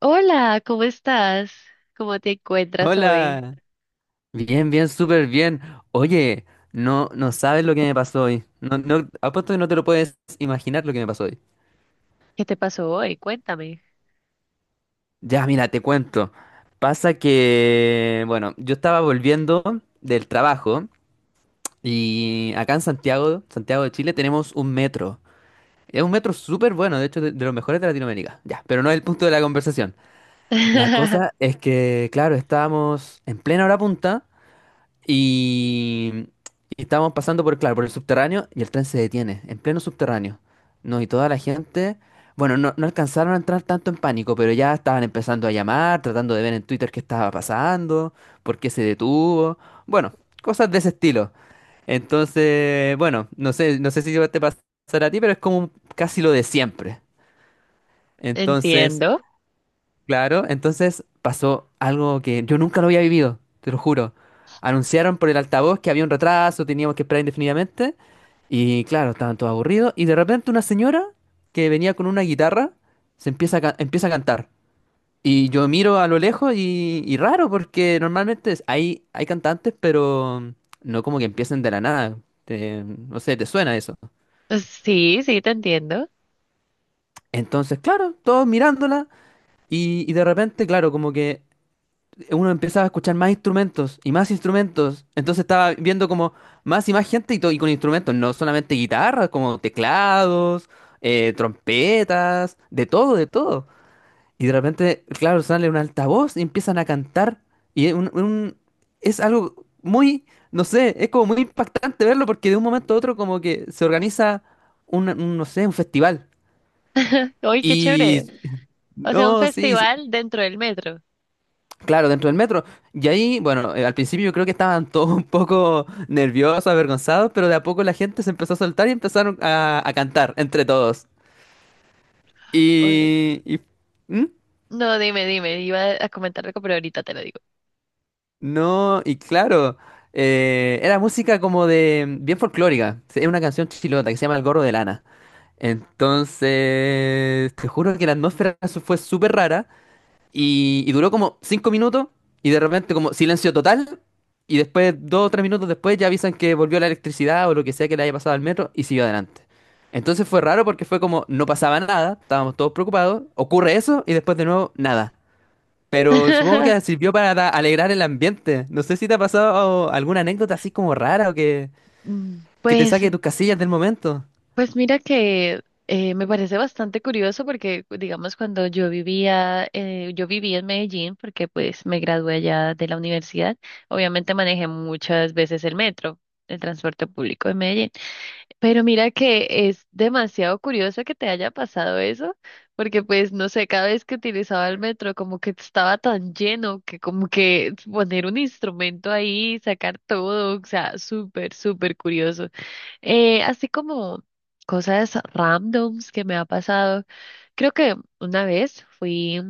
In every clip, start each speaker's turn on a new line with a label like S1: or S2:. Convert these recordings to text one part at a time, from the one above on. S1: Hola, ¿cómo estás? ¿Cómo te encuentras hoy?
S2: Hola, bien, bien, súper bien. Oye, no, no sabes lo que me pasó hoy. No, no, apuesto que no te lo puedes imaginar lo que me pasó hoy.
S1: ¿Qué te pasó hoy? Cuéntame.
S2: Ya, mira, te cuento. Pasa que, bueno, yo estaba volviendo del trabajo y acá en Santiago, Santiago de Chile, tenemos un metro. Es un metro súper bueno, de hecho, de los mejores de Latinoamérica. Ya, pero no es el punto de la conversación. La cosa es que, claro, estábamos en plena hora punta. Y, y estábamos pasando por, claro, por el subterráneo y el tren se detiene, en pleno subterráneo. No, y toda la gente, bueno, no, no alcanzaron a entrar tanto en pánico, pero ya estaban empezando a llamar, tratando de ver en Twitter qué estaba pasando, por qué se detuvo, bueno, cosas de ese estilo. Entonces, bueno, no sé, no sé si te pasará a ti, pero es como casi lo de siempre. Entonces...
S1: Entiendo.
S2: Claro, entonces pasó algo que yo nunca lo había vivido, te lo juro. Anunciaron por el altavoz que había un retraso, teníamos que esperar indefinidamente. Y claro, estaban todos aburridos. Y de repente una señora que venía con una guitarra se empieza a, empieza a cantar. Y yo miro a lo lejos y raro, porque normalmente hay, hay cantantes, pero no como que empiecen de la nada. No sé, te suena eso.
S1: Sí, sí, te entiendo.
S2: Entonces, claro, todos mirándola. Y de repente, claro, como que uno empezaba a escuchar más instrumentos y más instrumentos. Entonces estaba viendo como más y más gente y, y con instrumentos, no solamente guitarras, como teclados, trompetas, de todo, de todo. Y de repente, claro, sale un altavoz y empiezan a cantar. Y es es algo muy, no sé, es como muy impactante verlo porque de un momento a otro como que se organiza un, no sé, un festival.
S1: Uy, qué
S2: Y
S1: chévere. O sea, un
S2: no, sí,
S1: festival dentro del metro.
S2: claro, dentro del metro. Y ahí, bueno, al principio yo creo que estaban todos un poco nerviosos, avergonzados, pero de a poco la gente se empezó a soltar y empezaron a cantar entre todos.
S1: O-
S2: Y- ¿Mm?
S1: no, dime, dime. Iba a comentar algo, pero ahorita te lo digo.
S2: No, y claro, era música como de... bien folclórica. Sí, es una canción chilota que se llama El Gorro de Lana. Entonces, te juro que la atmósfera fue súper rara. Y duró como 5 minutos y de repente como silencio total. Y después, dos o tres minutos después, ya avisan que volvió la electricidad o lo que sea que le haya pasado al metro y siguió adelante. Entonces fue raro porque fue como no pasaba nada, estábamos todos preocupados, ocurre eso y después de nuevo nada. Pero supongo que sirvió para alegrar el ambiente. No sé si te ha pasado alguna anécdota así como rara o
S1: Mm,
S2: que te
S1: pues.
S2: saque de tus casillas del momento.
S1: Pues mira que me parece bastante curioso porque, digamos, cuando yo vivía, yo viví en Medellín porque pues me gradué allá de la universidad, obviamente manejé muchas veces el metro, el transporte público de Medellín, pero mira que es demasiado curioso que te haya pasado eso, porque pues no sé, cada vez que utilizaba el metro como que estaba tan lleno que como que poner un instrumento ahí, sacar todo, o sea, súper, súper curioso. Así como cosas randoms que me ha pasado. Creo que una vez fui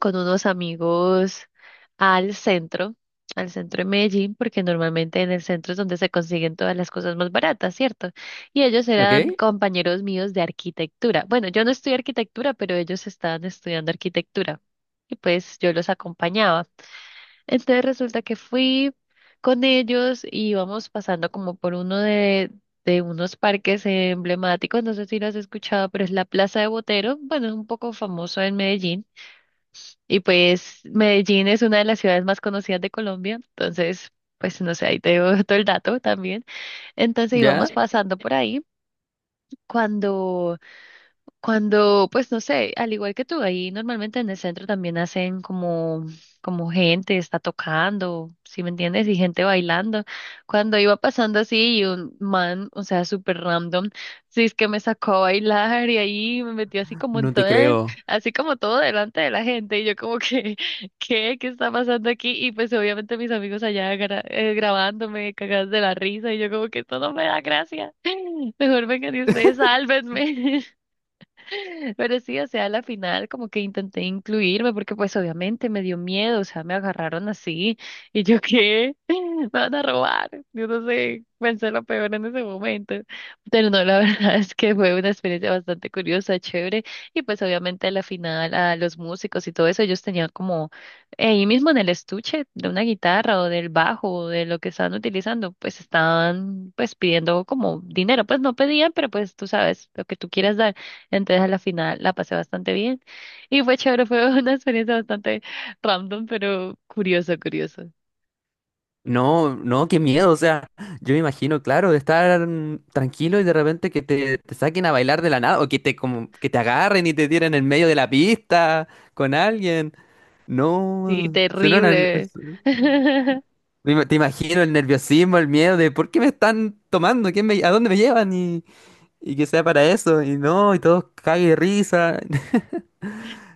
S1: con unos amigos al centro, al centro de Medellín, porque normalmente en el centro es donde se consiguen todas las cosas más baratas, ¿cierto? Y ellos eran
S2: ¿Ok?
S1: compañeros míos de arquitectura. Bueno, yo no estudié arquitectura, pero ellos estaban estudiando arquitectura. Y pues yo los acompañaba. Entonces resulta que fui con ellos y íbamos pasando como por uno de unos parques emblemáticos, no sé si lo has escuchado, pero es la Plaza de Botero, bueno, es un poco famoso en Medellín y pues Medellín es una de las ciudades más conocidas de Colombia, entonces pues no sé, ahí te doy todo el dato también. Entonces íbamos
S2: ¿Ya?
S1: pasando por ahí cuando cuando, pues no sé, al igual que tú, ahí normalmente en el centro también hacen como, como gente está tocando, ¿sí me entiendes? Y gente bailando. Cuando iba pasando así y un man, o sea, súper random, sí es que me sacó a bailar y ahí me metió así como en
S2: No te
S1: todo, el-
S2: creo.
S1: así como todo delante de la gente y yo como que, ¿qué? ¿Qué está pasando aquí? Y pues obviamente mis amigos allá gra- grabándome, cagadas de la risa y yo como que esto no me da gracia. Mejor vengan y ustedes, sálvenme. Pero sí, o sea, a la final como que intenté incluirme porque pues obviamente me dio miedo, o sea, me agarraron así y yo qué, me van a robar. Yo no sé, pensé lo peor en ese momento. Pero no, la verdad es que fue una experiencia bastante curiosa, chévere. Y pues obviamente a la final a los músicos y todo eso, ellos tenían como ahí mismo en el estuche de una guitarra o del bajo o de lo que estaban utilizando, pues estaban pues pidiendo como dinero, pues no pedían, pero pues tú sabes lo que tú quieras dar. Entonces a la final la pasé bastante bien y fue chévere, fue una experiencia bastante random, pero curioso curioso.
S2: No, no, qué miedo, o sea, yo me imagino, claro, de estar tranquilo y de repente que te saquen a bailar de la nada o que te como que te agarren y te tiren en medio de la pista con alguien.
S1: Sí,
S2: No, suena una-
S1: terrible.
S2: te imagino el nerviosismo, el miedo de por qué me están tomando, ¿quién a dónde me llevan? Y, y que sea para eso y no, y todos cague de risa.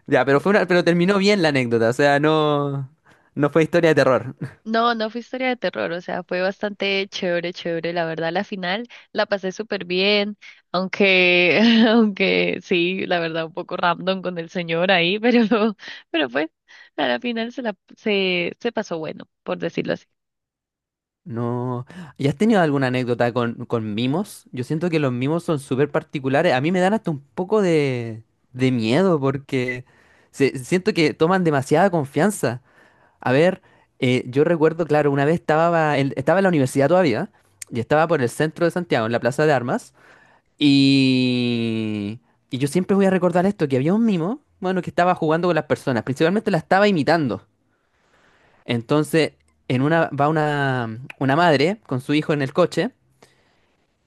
S2: Ya, pero fue una- pero terminó bien la anécdota, o sea, no no fue historia de terror.
S1: No, no fue historia de terror, o sea, fue bastante chévere, chévere, la verdad, la final la pasé súper bien, aunque, aunque sí, la verdad, un poco random con el señor ahí, pero pues, a la final se pasó bueno, por decirlo así.
S2: No. ¿Y has tenido alguna anécdota con mimos? Yo siento que los mimos son súper particulares. A mí me dan hasta un poco de miedo porque siento que toman demasiada confianza. A ver, yo recuerdo, claro, una vez estaba en, estaba en la universidad todavía y estaba por el centro de Santiago, en la Plaza de Armas. Y, y yo siempre voy a recordar esto, que había un mimo, bueno, que estaba jugando con las personas, principalmente la estaba imitando. Entonces, en una va una madre con su hijo en el coche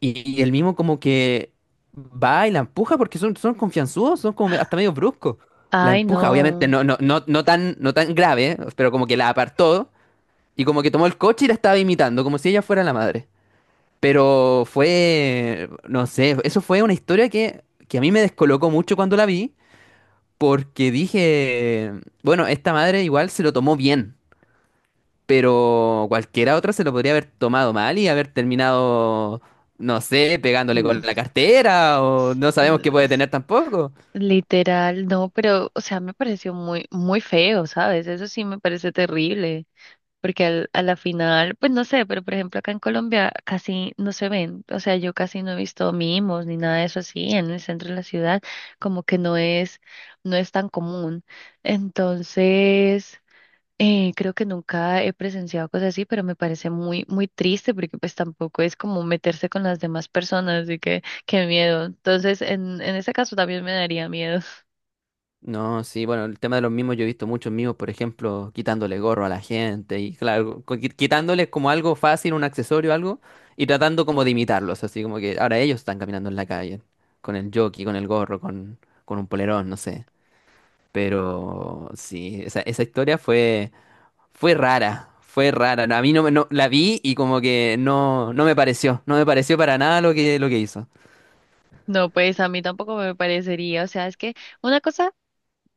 S2: y el mismo como que va y la empuja porque son, son confianzudos, son como hasta medio bruscos. La
S1: Ay,
S2: empuja, obviamente
S1: no.
S2: no, no, no, no tan, no tan grave, ¿eh? Pero como que la apartó y como que tomó el coche y la estaba imitando, como si ella fuera la madre. Pero fue, no sé, eso fue una historia que a mí me descolocó mucho cuando la vi porque dije, bueno, esta madre igual se lo tomó bien. Pero cualquiera otra se lo podría haber tomado mal y haber terminado, no sé, pegándole con
S1: Mm.
S2: la cartera o no sabemos qué puede tener tampoco.
S1: Literal, no, pero, o sea, me pareció muy, muy feo, ¿sabes? Eso sí me parece terrible, porque al, a la final, pues no sé, pero por ejemplo acá en Colombia casi no se ven, o sea, yo casi no he visto mimos ni nada de eso así en el centro de la ciudad, como que no es, no es tan común. Entonces, creo que nunca he presenciado cosas así, pero me parece muy, muy triste porque pues tampoco es como meterse con las demás personas, así que qué miedo. Entonces, en ese caso también me daría miedo.
S2: No, sí, bueno, el tema de los mimos, yo he visto muchos mimos, por ejemplo, quitándole gorro a la gente y claro, quitándoles como algo fácil, un accesorio, algo, y tratando como de imitarlos, así como que ahora ellos están caminando en la calle, con el jockey, con el gorro, con un polerón, no sé. Pero sí, esa historia fue... Fue rara, fue rara. No, a mí no, la vi y como que no, no me pareció, no me pareció para nada lo que, lo que hizo.
S1: No, pues a mí tampoco me parecería, o sea, es que una cosa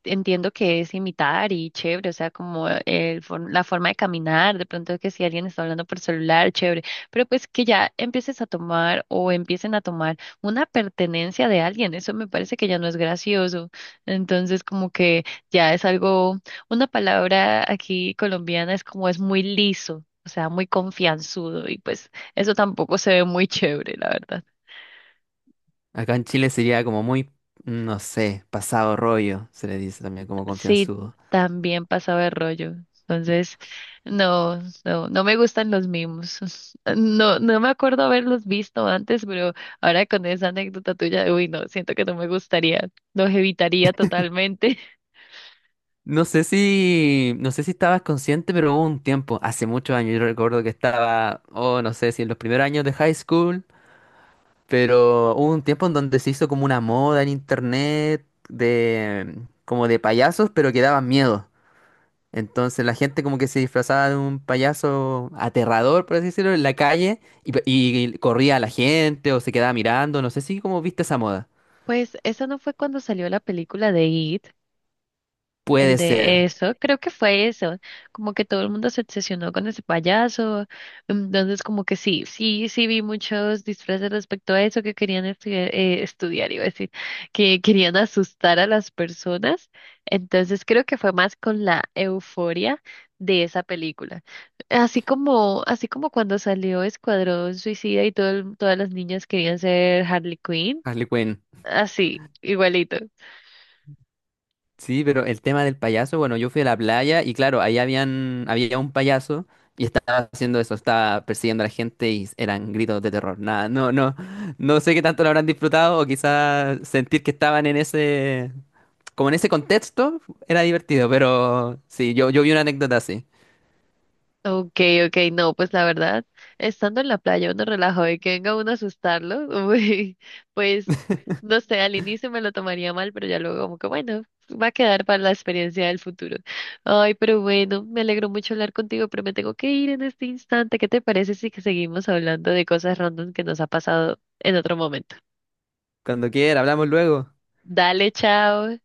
S1: entiendo que es imitar y chévere, o sea, como el, for- la forma de caminar, de pronto que si alguien está hablando por celular, chévere, pero pues que ya empieces a tomar o empiecen a tomar una pertenencia de alguien, eso me parece que ya no es gracioso, entonces como que ya es algo, una palabra aquí colombiana es como es muy liso, o sea, muy confianzudo y pues eso tampoco se ve muy chévere, la verdad.
S2: Acá en Chile sería como muy, no sé, pasado rollo, se le dice también como
S1: Sí,
S2: confianzudo.
S1: también pasaba de rollo. Entonces, no, no, no me gustan los mimos. No, no me acuerdo haberlos visto antes, pero ahora con esa anécdota tuya, uy, no, siento que no me gustaría, los evitaría totalmente.
S2: No sé si, no sé si estabas consciente, pero hubo un tiempo, hace muchos años, yo recuerdo que estaba, oh, no sé si en los primeros años de high school, pero hubo un tiempo en donde se hizo como una moda en internet de, como de payasos, pero que daban miedo. Entonces la gente como que se disfrazaba de un payaso aterrador, por así decirlo, en la calle y, y corría a la gente o se quedaba mirando, no sé si como viste esa moda.
S1: Pues eso no fue cuando salió la película de It.
S2: Puede
S1: El de
S2: ser,
S1: eso, creo que fue eso, como que todo el mundo se obsesionó con ese payaso, entonces como que sí, sí, sí vi muchos disfraces respecto a eso que querían estudiar, estudiar, iba a decir, que querían asustar a las personas, entonces creo que fue más con la euforia de esa película, así como cuando salió Escuadrón Suicida y todo el- todas las niñas querían ser Harley Quinn,
S2: Harley Quinn.
S1: así, igualito.
S2: Sí, pero el tema del payaso, bueno, yo fui a la playa y claro, ahí habían, había un payaso y estaba haciendo eso, estaba persiguiendo a la gente y eran gritos de terror. Nada, no, no, no sé qué tanto lo habrán disfrutado o quizás sentir que estaban en ese, como en ese contexto, era divertido, pero sí, yo vi una anécdota así.
S1: Ok, ok, no, pues la verdad, estando en la playa uno relajado y que venga uno a asustarlo, uy, pues no sé, al inicio me lo tomaría mal, pero ya luego como que bueno, va a quedar para la experiencia del futuro. Ay, pero bueno, me alegro mucho hablar contigo, pero me tengo que ir en este instante. ¿Qué te parece si que seguimos hablando de cosas random que nos ha pasado en otro momento?
S2: Cuando quiera, hablamos luego.
S1: Dale, chao.